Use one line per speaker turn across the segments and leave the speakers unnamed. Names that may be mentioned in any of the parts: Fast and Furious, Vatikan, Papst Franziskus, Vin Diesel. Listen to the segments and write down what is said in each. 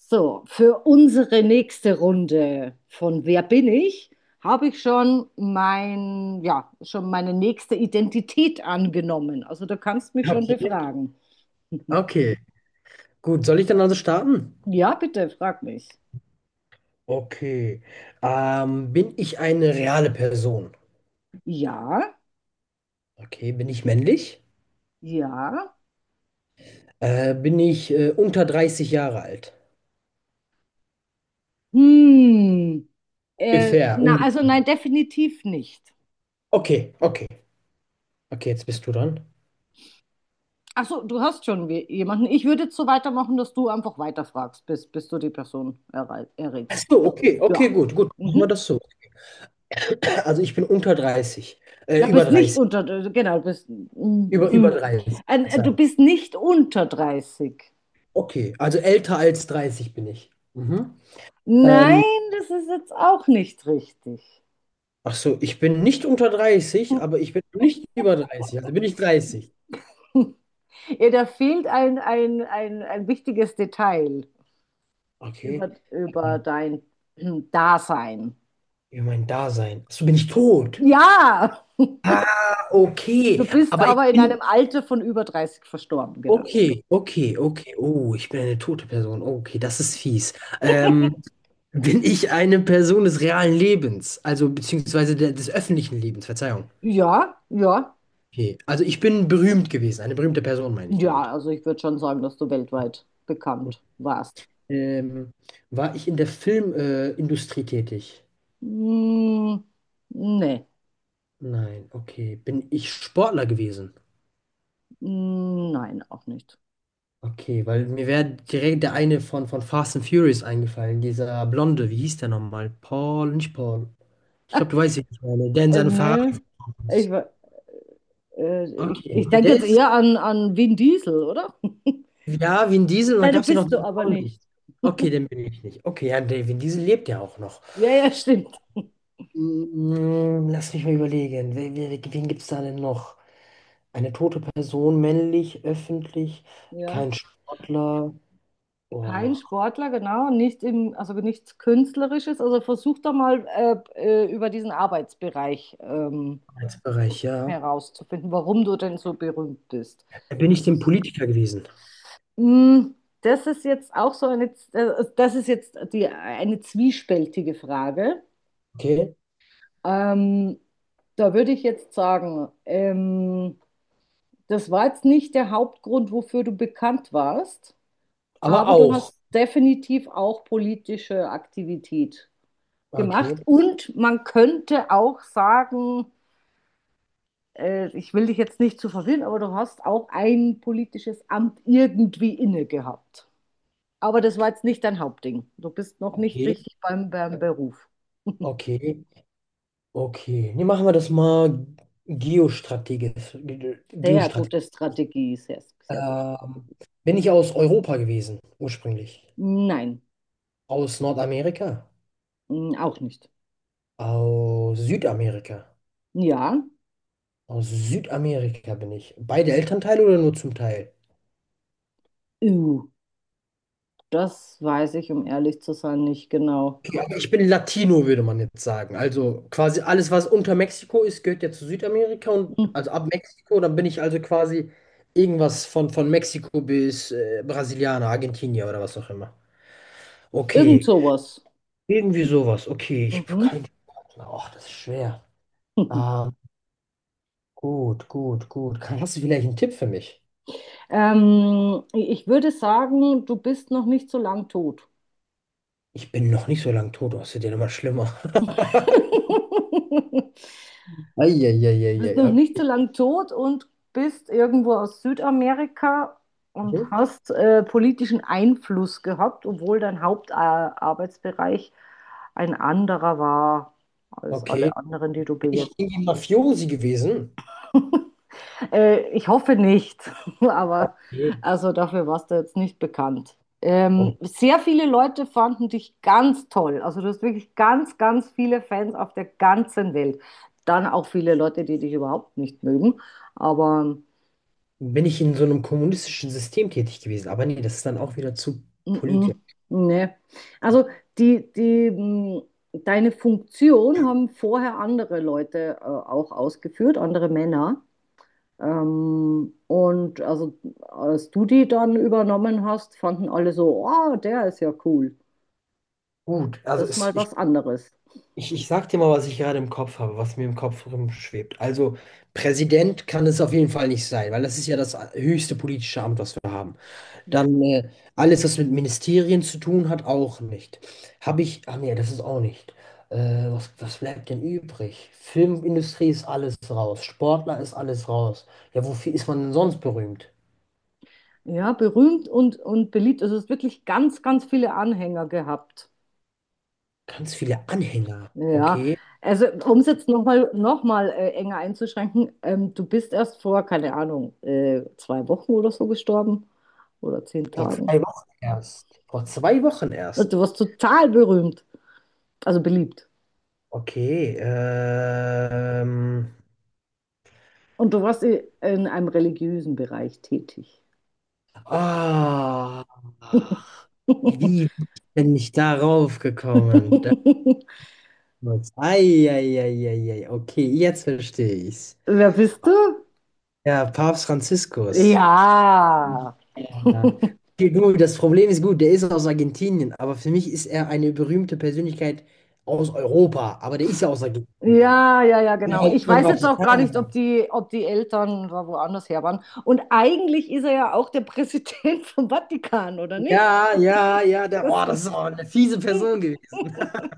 So, für unsere nächste Runde von Wer bin ich, habe ich schon mein, ja, schon meine nächste Identität angenommen. Also du kannst mich schon
Okay,
befragen.
okay. Gut, soll ich dann also starten?
Ja, bitte, frag mich.
Okay. Bin ich eine reale Person?
Ja,
Okay, bin ich männlich?
ja.
Bin ich unter 30 Jahre alt?
Hm. Äh,
Ungefähr,
na,
ungefähr.
also nein, definitiv nicht.
Okay, okay. Okay, jetzt bist du dran.
Ach so, du hast schon jemanden. Ich würde jetzt so weitermachen, dass du einfach weiterfragst, bis du die Person
Ach
errätst.
so, okay,
Ja.
okay, gut, gut. Machen wir
Mhm.
das so. Also ich bin unter 30.
Du
Über
bist nicht
30.
unter, genau, du bist, mm,
Über
mm.
30.
Du
Verzeihung.
bist nicht unter dreißig.
Okay, also älter als 30 bin ich. Mhm. Ähm,
Nein, das ist jetzt auch nicht richtig.
ach so, ich bin nicht unter 30, aber ich bin nicht über 30. Also bin ich 30.
Ja, da fehlt ein wichtiges Detail
Okay.
über, über
Ja.
dein Dasein.
Über mein Dasein. Achso, bin ich tot?
Ja,
Ah,
du
okay.
bist
Aber ich
aber in einem
bin.
Alter von über 30 verstorben, genau.
Okay, okay, okay. Oh, ich bin eine tote Person. Okay, das ist fies. Ähm, bin ich eine Person des realen Lebens? Also, beziehungsweise des öffentlichen Lebens, Verzeihung.
Ja, ja,
Okay. Also, ich bin berühmt gewesen. Eine berühmte Person meine ich damit.
ja, also ich würde schon sagen, dass du weltweit bekannt warst.
Ähm, war ich in der Filmindustrie Industrie tätig?
Hm, nee.
Nein, okay. Bin ich Sportler gewesen?
Nein, auch nicht.
Okay, weil mir wäre direkt der eine von Fast and Furious eingefallen, dieser Blonde, wie hieß der nochmal? Paul, nicht Paul. Ich glaube, du weißt, wie ich meine, der in seinem Fahrrad
Nö. Ich,
ist.
äh, ich,
Okay,
ich
ja,
denke
der
jetzt
ist,
eher an, an Vin Diesel, oder?
ja, Vin Diesel, und dann
Nein, du
gab es ja noch
bist du
diesen
aber
Blonden.
nicht.
Okay, den bin ich nicht. Okay, ja, der Vin Diesel lebt ja auch noch.
Ja, ja, stimmt.
Lass mich mal überlegen, wen gibt es da denn noch? Eine tote Person, männlich, öffentlich,
Ja.
kein Sportler.
Kein
Oh,
Sportler, genau, nicht im, also nichts Künstlerisches. Also versuch doch mal über diesen Arbeitsbereich
Arbeitsbereich, ja.
herauszufinden, warum du denn so berühmt bist.
Da bin ich
Also,
dem
es-
Politiker gewesen.
Mm, das ist jetzt auch so eine, das ist jetzt die, eine zwiespältige Frage.
Okay.
Ähm, Da würde ich jetzt sagen, das war jetzt nicht der Hauptgrund, wofür du bekannt warst,
Aber
aber du
auch.
hast definitiv auch politische Aktivität gemacht.
Okay,
Und man könnte auch sagen, ich will dich jetzt nicht zu verwirren, aber du hast auch ein politisches Amt irgendwie inne gehabt. Aber das war
okay,
jetzt nicht dein Hauptding. Du bist noch nicht
okay,
richtig beim Beruf.
okay, okay. Nee, machen wir das mal geostrategisch.
Sehr
Geostrategisch.
gute Strategie, sehr, sehr gute
Ähm,
Strategie.
bin ich aus Europa gewesen, ursprünglich?
Nein.
Aus Nordamerika?
Auch nicht.
Aus Südamerika?
Ja,
Aus Südamerika bin ich. Beide Elternteile oder nur zum Teil?
Ew, das weiß ich, um ehrlich zu sein, nicht genau.
Ich bin Latino, würde man jetzt sagen. Also quasi alles, was unter Mexiko ist, gehört ja zu Südamerika und
Hm.
also ab Mexiko, dann bin ich also quasi irgendwas von Mexiko bis Brasilianer, Argentinier oder was auch immer.
Irgend
Okay,
sowas.
irgendwie sowas. Okay, ich
Mhm.
kann. Ach, das ist schwer. Ähm, gut, gut, gut. Hast du vielleicht einen Tipp für mich?
Ich würde sagen, du bist noch nicht so lang tot.
Ich bin noch nicht so lange tot, das wird ja immer schlimmer.
Du bist noch nicht so
Eieieiei.
lang tot und bist irgendwo aus Südamerika und
Okay.
hast politischen Einfluss gehabt, obwohl dein Hauptarbeitsbereich ein anderer war als
Okay.
alle anderen, die du
Bin ich
bejetzt.
irgendwie Mafiosi gewesen?
Ich hoffe nicht, aber
Nee.
also dafür warst du jetzt nicht bekannt. Sehr viele Leute fanden dich ganz toll. Also du hast wirklich ganz, ganz viele Fans auf der ganzen Welt. Dann auch viele Leute, die dich überhaupt nicht mögen. Aber
Bin ich in so einem kommunistischen System tätig gewesen? Aber nee, das ist dann auch wieder zu
mm,
politisch.
mm, ne. Also die, die, mm, deine Funktion haben vorher andere Leute auch ausgeführt, andere Männer. Und also, als du die dann übernommen hast, fanden alle so, oh, der ist ja cool.
Gut, also
Das ist
es,
mal
ich,
was anderes.
ich, ich sag dir mal, was ich gerade im Kopf habe, was mir im Kopf rumschwebt. Also Präsident kann es auf jeden Fall nicht sein, weil das ist ja das höchste politische Amt, was wir haben. Dann alles, was mit Ministerien zu tun hat, auch nicht. Habe ich, ach nee, das ist auch nicht. Was bleibt denn übrig? Filmindustrie ist alles raus, Sportler ist alles raus. Ja, wofür ist man denn sonst berühmt?
Ja, berühmt und beliebt. Also es hat wirklich ganz, ganz viele Anhänger gehabt.
Ganz viele Anhänger,
Ja,
okay?
also um es jetzt noch mal enger einzuschränken, du bist erst vor, keine Ahnung, zwei Wochen oder so gestorben oder zehn
Vor
Tagen.
zwei Wochen erst. Vor 2 Wochen
Und Du
erst.
warst total berühmt, also beliebt.
Okay.
Und du warst in einem religiösen Bereich tätig.
Ah, wie bin ich darauf gekommen? Das muss. Eieieiei. Okay, jetzt verstehe ich's.
Wer bist du?
Ja, Papst Franziskus.
Ja.
Ja. Okay, gut, das Problem ist gut, der ist aus Argentinien, aber für mich ist er eine berühmte Persönlichkeit aus Europa, aber der ist ja aus Argentinien.
Ja, ja, ja,
Ja,
genau.
halt
Ich
immer im
weiß jetzt auch
Vatikan.
gar nicht, ob die Eltern da woanders her waren. Und eigentlich ist er ja auch der Präsident vom Vatikan, oder nicht?
Ja, ja, ja, der,
Das
oh, das ist auch eine fiese Person gewesen.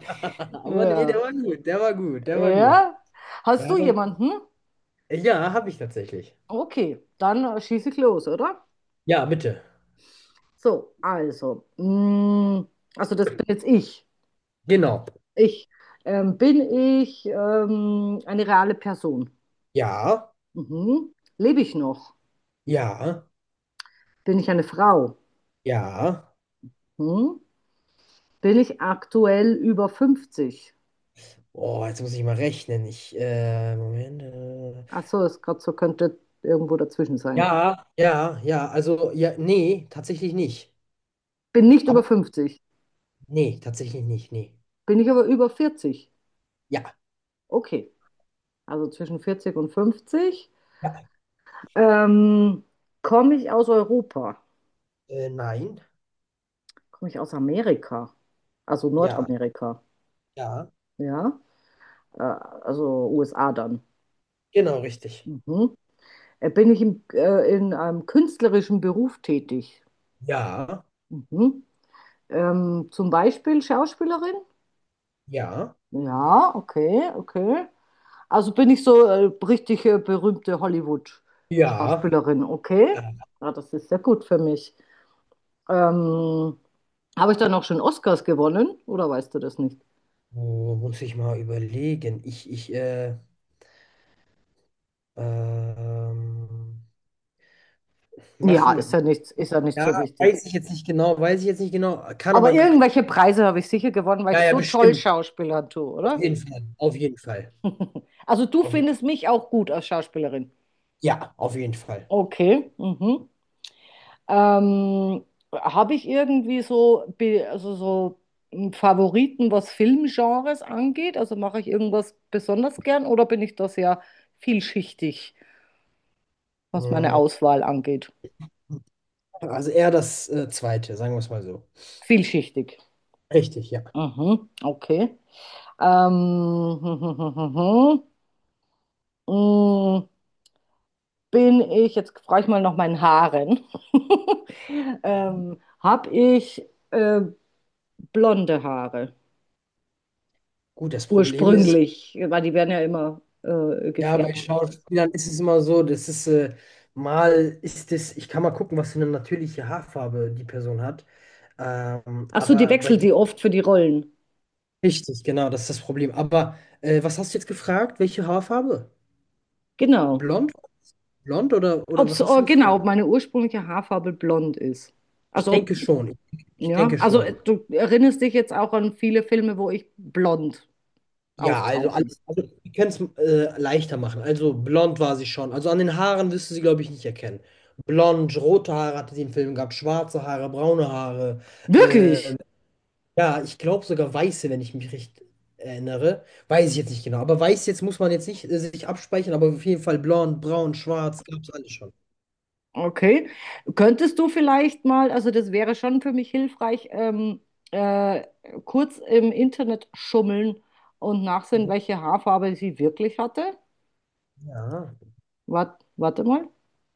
Aber nee, der
ja,
war gut, der war gut, der war gut.
ja. Hast
Ja,
du
der,
jemanden?
ja, habe ich tatsächlich.
Okay, dann schieße ich los, oder?
Ja, bitte.
So, also, mm, also das bin jetzt ich.
Genau.
Ich bin ich eine reale Person.
Ja,
Mhm. Lebe ich noch?
ja,
Bin ich eine Frau?
ja.
Hm? Bin ich aktuell über 50?
Oh, jetzt muss ich mal rechnen. Moment.
Achso, das grad so könnte irgendwo dazwischen sein.
Ja, ja, ja. Also, ja, nee, tatsächlich nicht.
Bin nicht über
Aber
50.
nee, tatsächlich nicht, nee.
Bin ich aber über vierzig?
Ja,
Okay, also zwischen 40 und 50.
ja.
Ähm, Komme ich aus Europa?
Nein.
Komme ich aus Amerika? Also
Ja,
Nordamerika,
ja.
ja? Also USA dann.
Genau, richtig.
Mhm. Bin ich im, in einem künstlerischen Beruf tätig?
Ja,
Mhm. Zum Beispiel Schauspielerin?
ja,
Ja, okay, okay. Also bin ich so richtig berühmte
ja,
Hollywood-Schauspielerin, okay.
ja,
Ja, das ist sehr gut für mich. Ähm, Habe ich dann auch schon Oscars gewonnen oder weißt du das nicht?
wo muss ich mal überlegen? Ähm,
Ja,
machen
ist
wir.
ja nichts, ist ja nicht
Ja,
so wichtig.
weiß ich jetzt nicht genau, weiß ich jetzt nicht genau, kann
Aber
aber.
irgendwelche Preise habe ich sicher gewonnen, weil ich
Ja, ja,
so toll
bestimmt.
Schauspielern tue,
Auf
oder?
jeden Fall. Auf jeden Fall.
Also du
Auf,
findest mich auch gut als Schauspielerin.
ja, auf jeden Fall.
Okay. Mhm. Ähm, Habe ich irgendwie so, also so einen Favoriten, was Filmgenres angeht? Also mache ich irgendwas besonders gern oder bin ich da sehr vielschichtig, was meine
Mm,
Auswahl angeht?
Also eher das zweite, sagen wir es mal so.
Vielschichtig.
Richtig, ja.
Mhm, okay. Hm, hm, hm, hm, hm. mm, Bin ich, jetzt frage ich mal nach meinen Haaren. Habe ich äh, blonde Haare?
Gut, das Problem ist,
Ursprünglich, weil die werden ja immer
ja, bei
gefärbt öfters.
Schauspielern ist es immer so, das ist mal ist es, ich kann mal gucken, was für eine natürliche Haarfarbe die Person hat.
Ach so, die
Aber bei
wechselt die oft für die Rollen.
Richtig, genau, das ist das Problem. Aber was hast du jetzt gefragt? Welche Haarfarbe?
Genau.
Blond? Blond oder was hast du
Genau,
gefragt?
ob meine ursprüngliche Haarfarbe blond ist.
Ich
Also ob,
denke schon. Ich
ja,
denke
also
schon.
du erinnerst dich jetzt auch an viele Filme, wo ich blond
Ja, also
auftauche.
alles, also wir können es leichter machen. Also blond war sie schon. Also an den Haaren wirst du sie, glaube ich, nicht erkennen. Blond, rote Haare hatte sie im Film gehabt, schwarze Haare, braune Haare.
Wirklich?
ähm, ja, ich glaube sogar weiße, wenn ich mich recht erinnere. Weiß ich jetzt nicht genau. Aber weiß jetzt muss man jetzt nicht sich abspeichern, aber auf jeden Fall blond, braun, schwarz, gab es alles schon.
Okay. Könntest du vielleicht mal, also das wäre schon für mich hilfreich, äh, kurz im Internet schummeln und nachsehen, welche Haarfarbe sie wirklich hatte?
Ja.
Warte mal.